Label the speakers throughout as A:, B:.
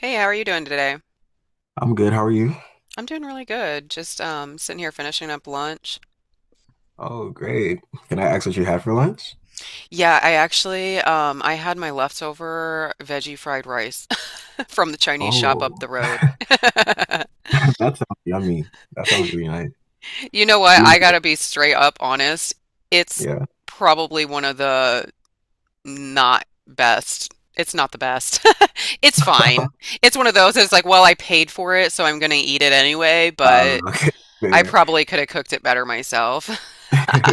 A: Hey, how are you doing today?
B: I'm good. How are you?
A: I'm doing really good. Just sitting here finishing up lunch.
B: Oh, great. Can I ask what you had for lunch?
A: Yeah, I actually I had my leftover veggie fried rice from the Chinese shop up
B: Oh,
A: the road.
B: that sounds yummy. That sounds really nice.
A: You know what?
B: You-
A: I
B: enjoy-
A: gotta be straight up honest. It's
B: Yeah.
A: probably one of the not best. It's not the best. It's fine. It's one of those that's like, well, I paid for it, so I'm gonna eat it anyway, but
B: Okay,
A: I
B: fair.
A: probably could have cooked it better myself.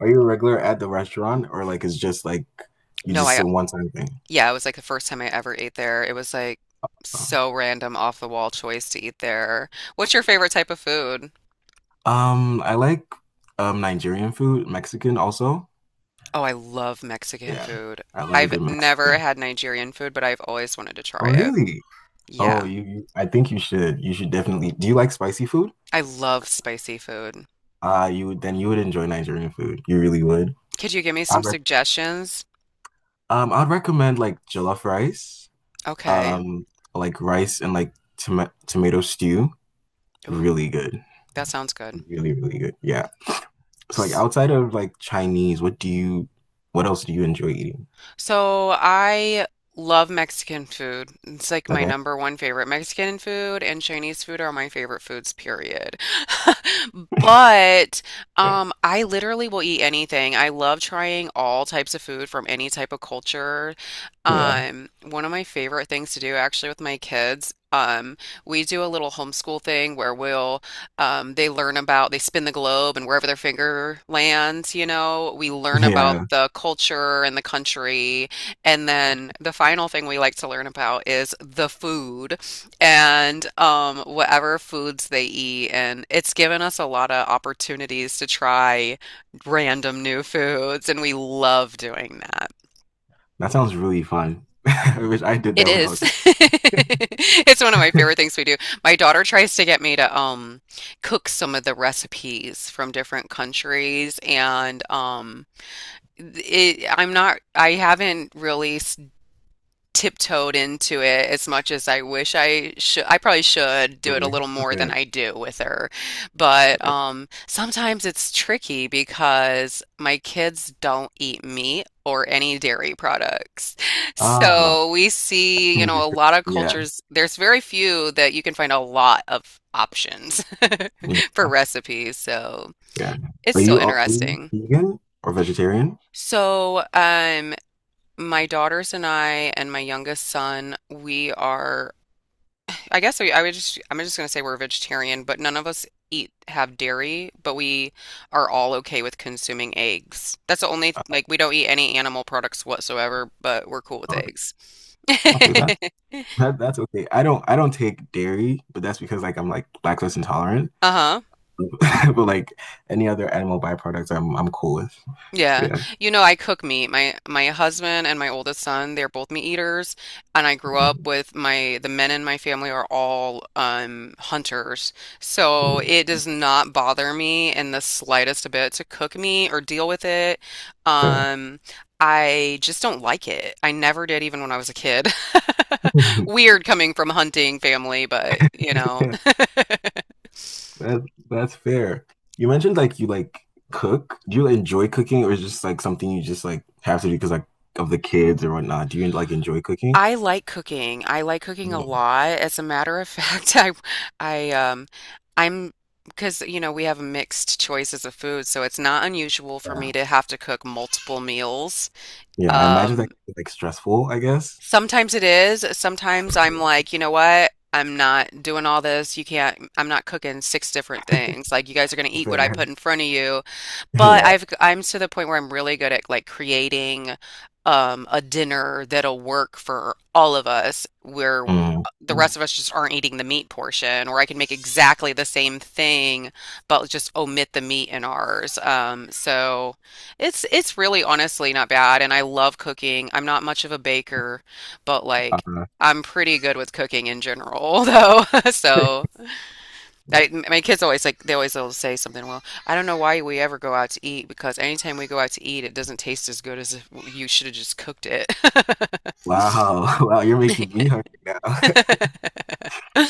B: Are you a regular at the restaurant, or like it's just like you
A: No,
B: just
A: I
B: a one-time thing?
A: Yeah, it was like the first time I ever ate there. It was like so random, off the wall choice to eat there. What's your favorite type of food?
B: I like Nigerian food, Mexican also.
A: Oh, I love Mexican
B: Yeah.
A: food.
B: I love a
A: I've
B: good
A: never
B: Mexican.
A: had Nigerian food, but I've always wanted to try
B: Oh,
A: it.
B: really? Oh,
A: Yeah,
B: you I think you should. You should definitely. Do you like spicy food?
A: I love spicy food.
B: Then you would enjoy Nigerian food. You really would.
A: Could you give me some suggestions?
B: I'd recommend like jollof rice,
A: Okay.
B: um, like rice and like tomato stew.
A: Ooh,
B: Really good.
A: that sounds good.
B: Really, really good. Yeah. So like outside of like Chinese, what else do you enjoy eating?
A: So I love Mexican food. It's like my
B: Okay.
A: number one favorite. Mexican food and Chinese food are my favorite foods, period. But
B: Fair.
A: I literally will eat anything. I love trying all types of food from any type of culture.
B: Yeah.
A: One of my favorite things to do actually with my kids, we do a little homeschool thing where we'll they learn about, they spin the globe and wherever their finger lands, you know, we learn about
B: Yeah.
A: the culture and the country. And then the final thing we like to learn about is the food and whatever foods they eat. And it's given us a lot of opportunities to try random new foods, and we love doing that.
B: That sounds really fun. I wish I did
A: It
B: that when I
A: is.
B: was a kid.
A: It's one of my favorite things we do. My daughter tries to get me to cook some of the recipes from different countries and it I'm not I haven't really tiptoed into it as much as I wish I should. I probably should do it
B: Fair,
A: a little more than
B: fair,
A: I do with her. But
B: fair.
A: sometimes it's tricky because my kids don't eat meat or any dairy products.
B: Ah,
A: So we see, you know, a lot of
B: yeah,
A: cultures, there's very few that you can find a lot of options
B: yeah,
A: for recipes. So
B: yeah.
A: it's
B: Are
A: still
B: you, are you
A: interesting.
B: vegan or vegetarian?
A: So, um, my daughters and I and my youngest son, we are I would just, I'm just going to say we're vegetarian, but none of us eat, have dairy, but we are all okay with consuming eggs. That's the only,
B: Uh,
A: like, we don't eat any animal products whatsoever, but we're cool with
B: Okay.
A: eggs.
B: Okay, that That, that's okay. I don't take dairy, but that's because like I'm like lactose intolerant.
A: Uh-huh.
B: But like any other animal byproducts, I'm cool with.
A: Yeah.
B: Yeah.
A: You know, I cook meat. My husband and my oldest son, they're both meat eaters, and I grew up
B: Mm,
A: with my the men in my family are all hunters. So
B: mm,
A: it does not bother me in the slightest bit to cook meat or deal with it.
B: fair.
A: Um I just don't like it. I never did even when I was a kid. Weird coming from a hunting family, but you know.
B: Yeah. That that's fair. You mentioned like you like cook. Do you enjoy cooking, or is just like something you just like have to do because like of the kids or whatnot? Do you like enjoy cooking?
A: I like cooking. I like cooking a
B: Mm.
A: lot. As a matter of fact, I, um, I'm, because, you know, we have mixed choices of food, so it's not unusual for
B: Yeah,
A: me to have to cook multiple meals.
B: yeah. I imagine that
A: Um,
B: could be like stressful, I guess.
A: sometimes it is. Sometimes I'm
B: Yeah.
A: like, you know what? I'm not doing all this. You can't, I'm not cooking six different things. Like, you guys are going to eat what I
B: Fair.
A: put in front of you. But
B: Yeah.
A: I'm to the point where I'm really good at like creating a dinner that'll work for all of us where
B: Mm,
A: the rest of us just aren't eating the meat portion, or I can make exactly the same thing but just omit the meat in ours. So it's really honestly not bad, and I love cooking. I'm not much of a baker, but like
B: uh,
A: I'm pretty good with cooking in general, though. So
B: yeah.
A: I, my kids always like they always will say something. Well, I don't know why we ever go out to eat because anytime we go out to eat, it doesn't taste as good as if you should have just cooked it.
B: Wow. Wow. You're making me hungry now.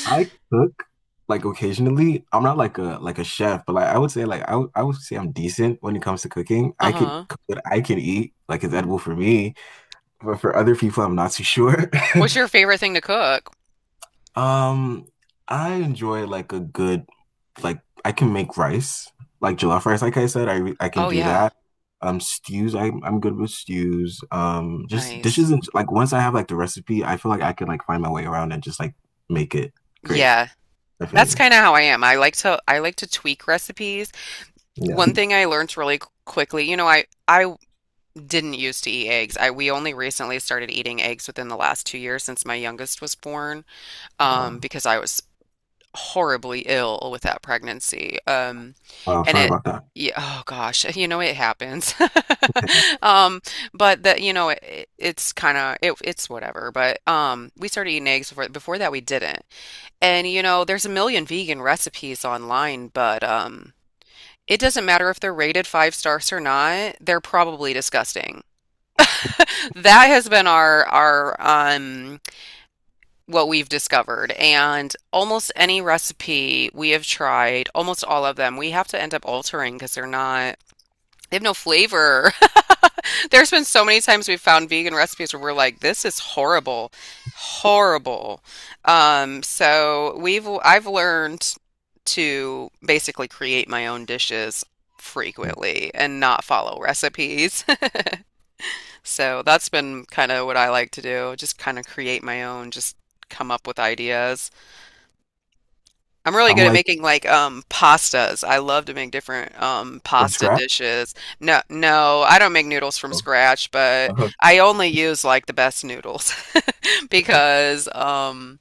B: I cook like occasionally. I'm not like a chef, but like I would say like I would say I'm decent when it comes to cooking. I could
A: Uh-huh.
B: cook what I can eat, like it's edible for me, but for other people, I'm not too sure.
A: What's your favorite thing to cook?
B: Um, I enjoy like a good like I can make rice, like jollof rice, like I said, I can
A: Oh
B: do
A: yeah,
B: that. Stews, I'm good with stews. Just
A: nice.
B: dishes, and like once I have like the recipe, I feel like I can like find my way around and just like make it great.
A: Yeah. That's
B: Definitely.
A: kind of how I am. I like to tweak recipes.
B: Yeah.
A: One thing I learned really quickly, you know, I didn't used to eat eggs. I we only recently started eating eggs within the last 2 years since my youngest was born,
B: uh,
A: because I was horribly ill with that pregnancy.
B: Wow,
A: And
B: sorry
A: it,
B: about that.
A: yeah, oh gosh, you know, it happens.
B: And,
A: Um, but that, you know, it, it's kind of, it, it's whatever. But we started eating eggs before that we didn't. And, you know, there's a million vegan recipes online, but it doesn't matter if they're rated five stars or not, they're probably disgusting. That has been our what we've discovered. And almost any recipe we have tried, almost all of them, we have to end up altering because they have no flavor. There's been so many times we've found vegan recipes where we're like, this is horrible, horrible. So I've learned to basically create my own dishes frequently and not follow recipes. So that's been kind of what I like to do, just kind of create my own, just come up with ideas. I'm really
B: I'm
A: good at
B: like
A: making like pastas. I love to make different
B: from
A: pasta
B: scratch.
A: dishes. No, no, I don't make noodles from
B: so-
A: scratch, but
B: uh,
A: I only use like the best noodles because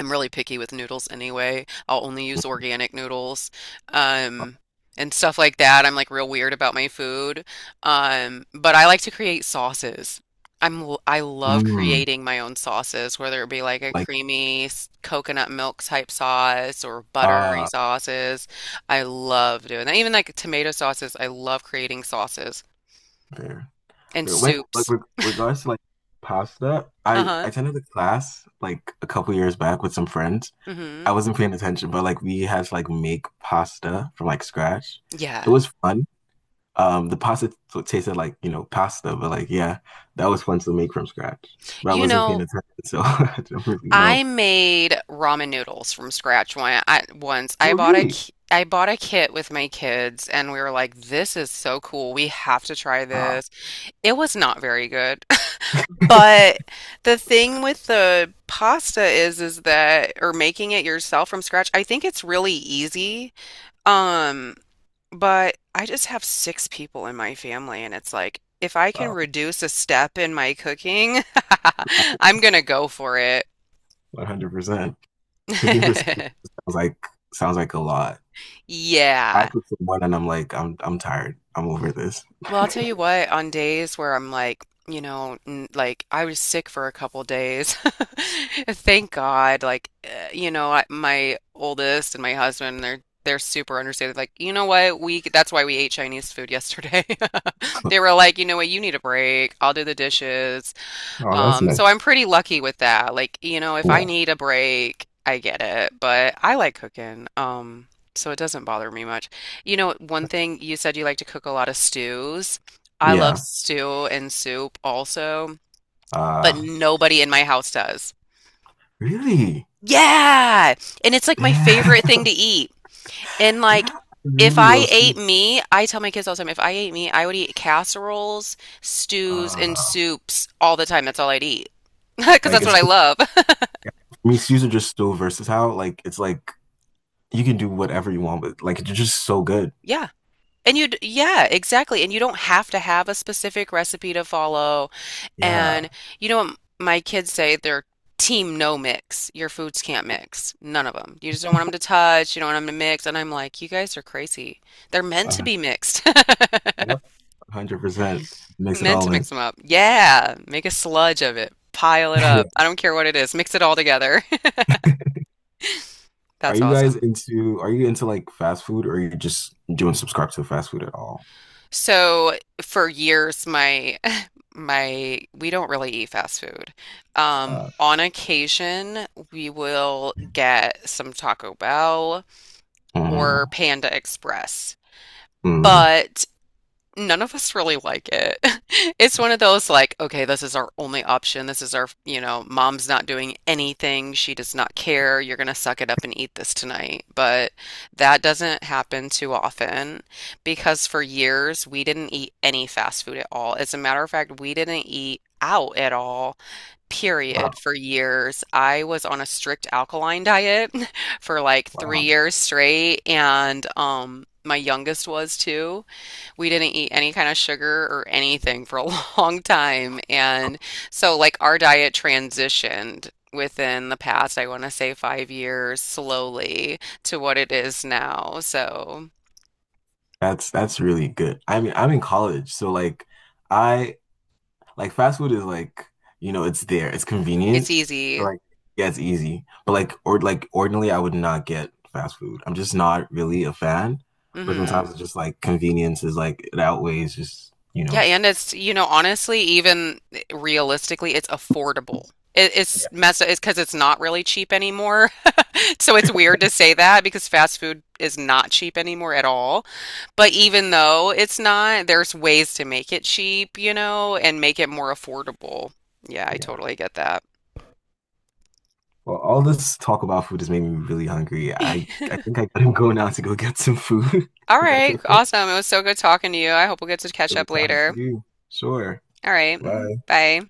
A: I'm really picky with noodles anyway. I'll only use organic noodles, um, and stuff like that. I'm like real weird about my food. But I like to create sauces. I love
B: Mm,
A: creating my own sauces, whether it be like a
B: like
A: creamy coconut milk type sauce or buttery
B: uh
A: sauces. I love doing that. Even like tomato sauces, I love creating sauces
B: fair.
A: and
B: Fair. When like
A: soups.
B: regards to like pasta, I
A: Uh-huh.
B: attended a class like a couple years back with some friends. I
A: Mm
B: wasn't paying attention, but like we had to like make pasta from like scratch.
A: hmm.
B: It
A: Yeah.
B: was fun. The pasta t tasted like, pasta, but like yeah, that was fun to make from scratch. But I
A: You
B: wasn't paying
A: know,
B: attention, so I don't really know.
A: I made ramen noodles from scratch once.
B: Oh, really?
A: I bought a kit with my kids, and we were like, "This is so cool. We have to try
B: Wow,
A: this." It was not very good, but the thing with the pasta is that or making it yourself from scratch. I think it's really easy. Um, but I just have six people in my family, and it's like if I can
B: wow,
A: reduce a step in my cooking, I'm gonna go for it.
B: 100%. Cooking for six people sounds like sounds like a lot. I
A: Yeah.
B: cook for one and I'm like, I'm tired. I'm over this.
A: Well, I'll tell you what, on days where I'm like, you know, n like I was sick for a couple days. Thank God. Like, you know, I, my oldest and my husband, they're super understanding. Like, you know what? That's why we ate Chinese food yesterday. They were like, you know what? You need a break. I'll do the dishes.
B: Oh, that's
A: So
B: nice.
A: I'm pretty lucky with that. Like, you know, if I
B: Yeah.
A: need a break, I get it, but I like cooking. So it doesn't bother me much. You know, one thing you said you like to cook a lot of stews. I love
B: Yeah.
A: stew and soup also, but
B: Uh
A: nobody in my house does.
B: Really?
A: Yeah. And it's like my
B: Damn.
A: favorite thing to eat. And like
B: Yeah. I
A: if
B: really
A: I
B: love
A: ate
B: stews.
A: meat, I tell my kids all the time, if I ate meat, I would eat casseroles, stews, and
B: Uh
A: soups all the time. That's all I'd eat. Because
B: like
A: that's what
B: it's
A: I
B: for
A: love.
B: me, stews are just so versatile. Like it's like you can do whatever you want, but like it's just so good.
A: Yeah, yeah, exactly, and you don't have to have a specific recipe to follow.
B: Yeah.
A: And you know what my kids say? They're team no mix. Your foods can't mix. None of them. You just don't want them to touch. You don't want them to mix. And I'm like, you guys are crazy. They're meant to
B: Uh,
A: be mixed.
B: and 100% mix it
A: Meant to
B: all in.
A: mix them up. Yeah, make a sludge of it. Pile it
B: Yeah.
A: up. I don't care what it is. Mix it all together.
B: Are
A: That's
B: you guys
A: awesome.
B: into are you into like fast food, or you just don't subscribe to fast food at all?
A: So for years, my we don't really eat fast food.
B: Uh,
A: On occasion, we will get some Taco Bell or
B: mm.
A: Panda Express.
B: Mm,
A: But none of us really like it. It's one of those like, okay, this is our only option. This is our, you know, mom's not doing anything. She does not care. You're gonna suck it up and eat this tonight. But that doesn't happen too often because for years we didn't eat any fast food at all. As a matter of fact, we didn't eat out at all,
B: wow,
A: period, for years. I was on a strict alkaline diet for like three
B: wow.
A: years straight, and my youngest was too we didn't eat any kind of sugar or anything for a long time. And so, like, our diet transitioned within the past, I want to say 5 years, slowly to what it is now. So
B: That's really good. I mean, I'm in college, so like I like fast food is like, it's there. It's
A: it's
B: convenient.
A: easy.
B: Like, yeah, it's easy. But like ordinarily I would not get fast food. I'm just not really a fan. But
A: Hmm.
B: sometimes it's just like convenience is like it outweighs just, you
A: Yeah,
B: know.
A: and it's, you know, honestly, even realistically, it's affordable.
B: Yeah.
A: It's messed up. It's because it's not really cheap anymore. So it's weird to say that because fast food is not cheap anymore at all. But even though it's not, there's ways to make it cheap, you know, and make it more affordable. Yeah, I
B: Yeah.
A: totally get that.
B: Well, all this talk about food has made me really hungry. I think I gotta go now to go get some food.
A: All
B: If that's
A: right,
B: okay.
A: awesome. It was so good talking to you. I hope we'll get to
B: It
A: catch
B: was
A: up
B: talking to
A: later.
B: you. Sure.
A: All right,
B: Bye.
A: bye.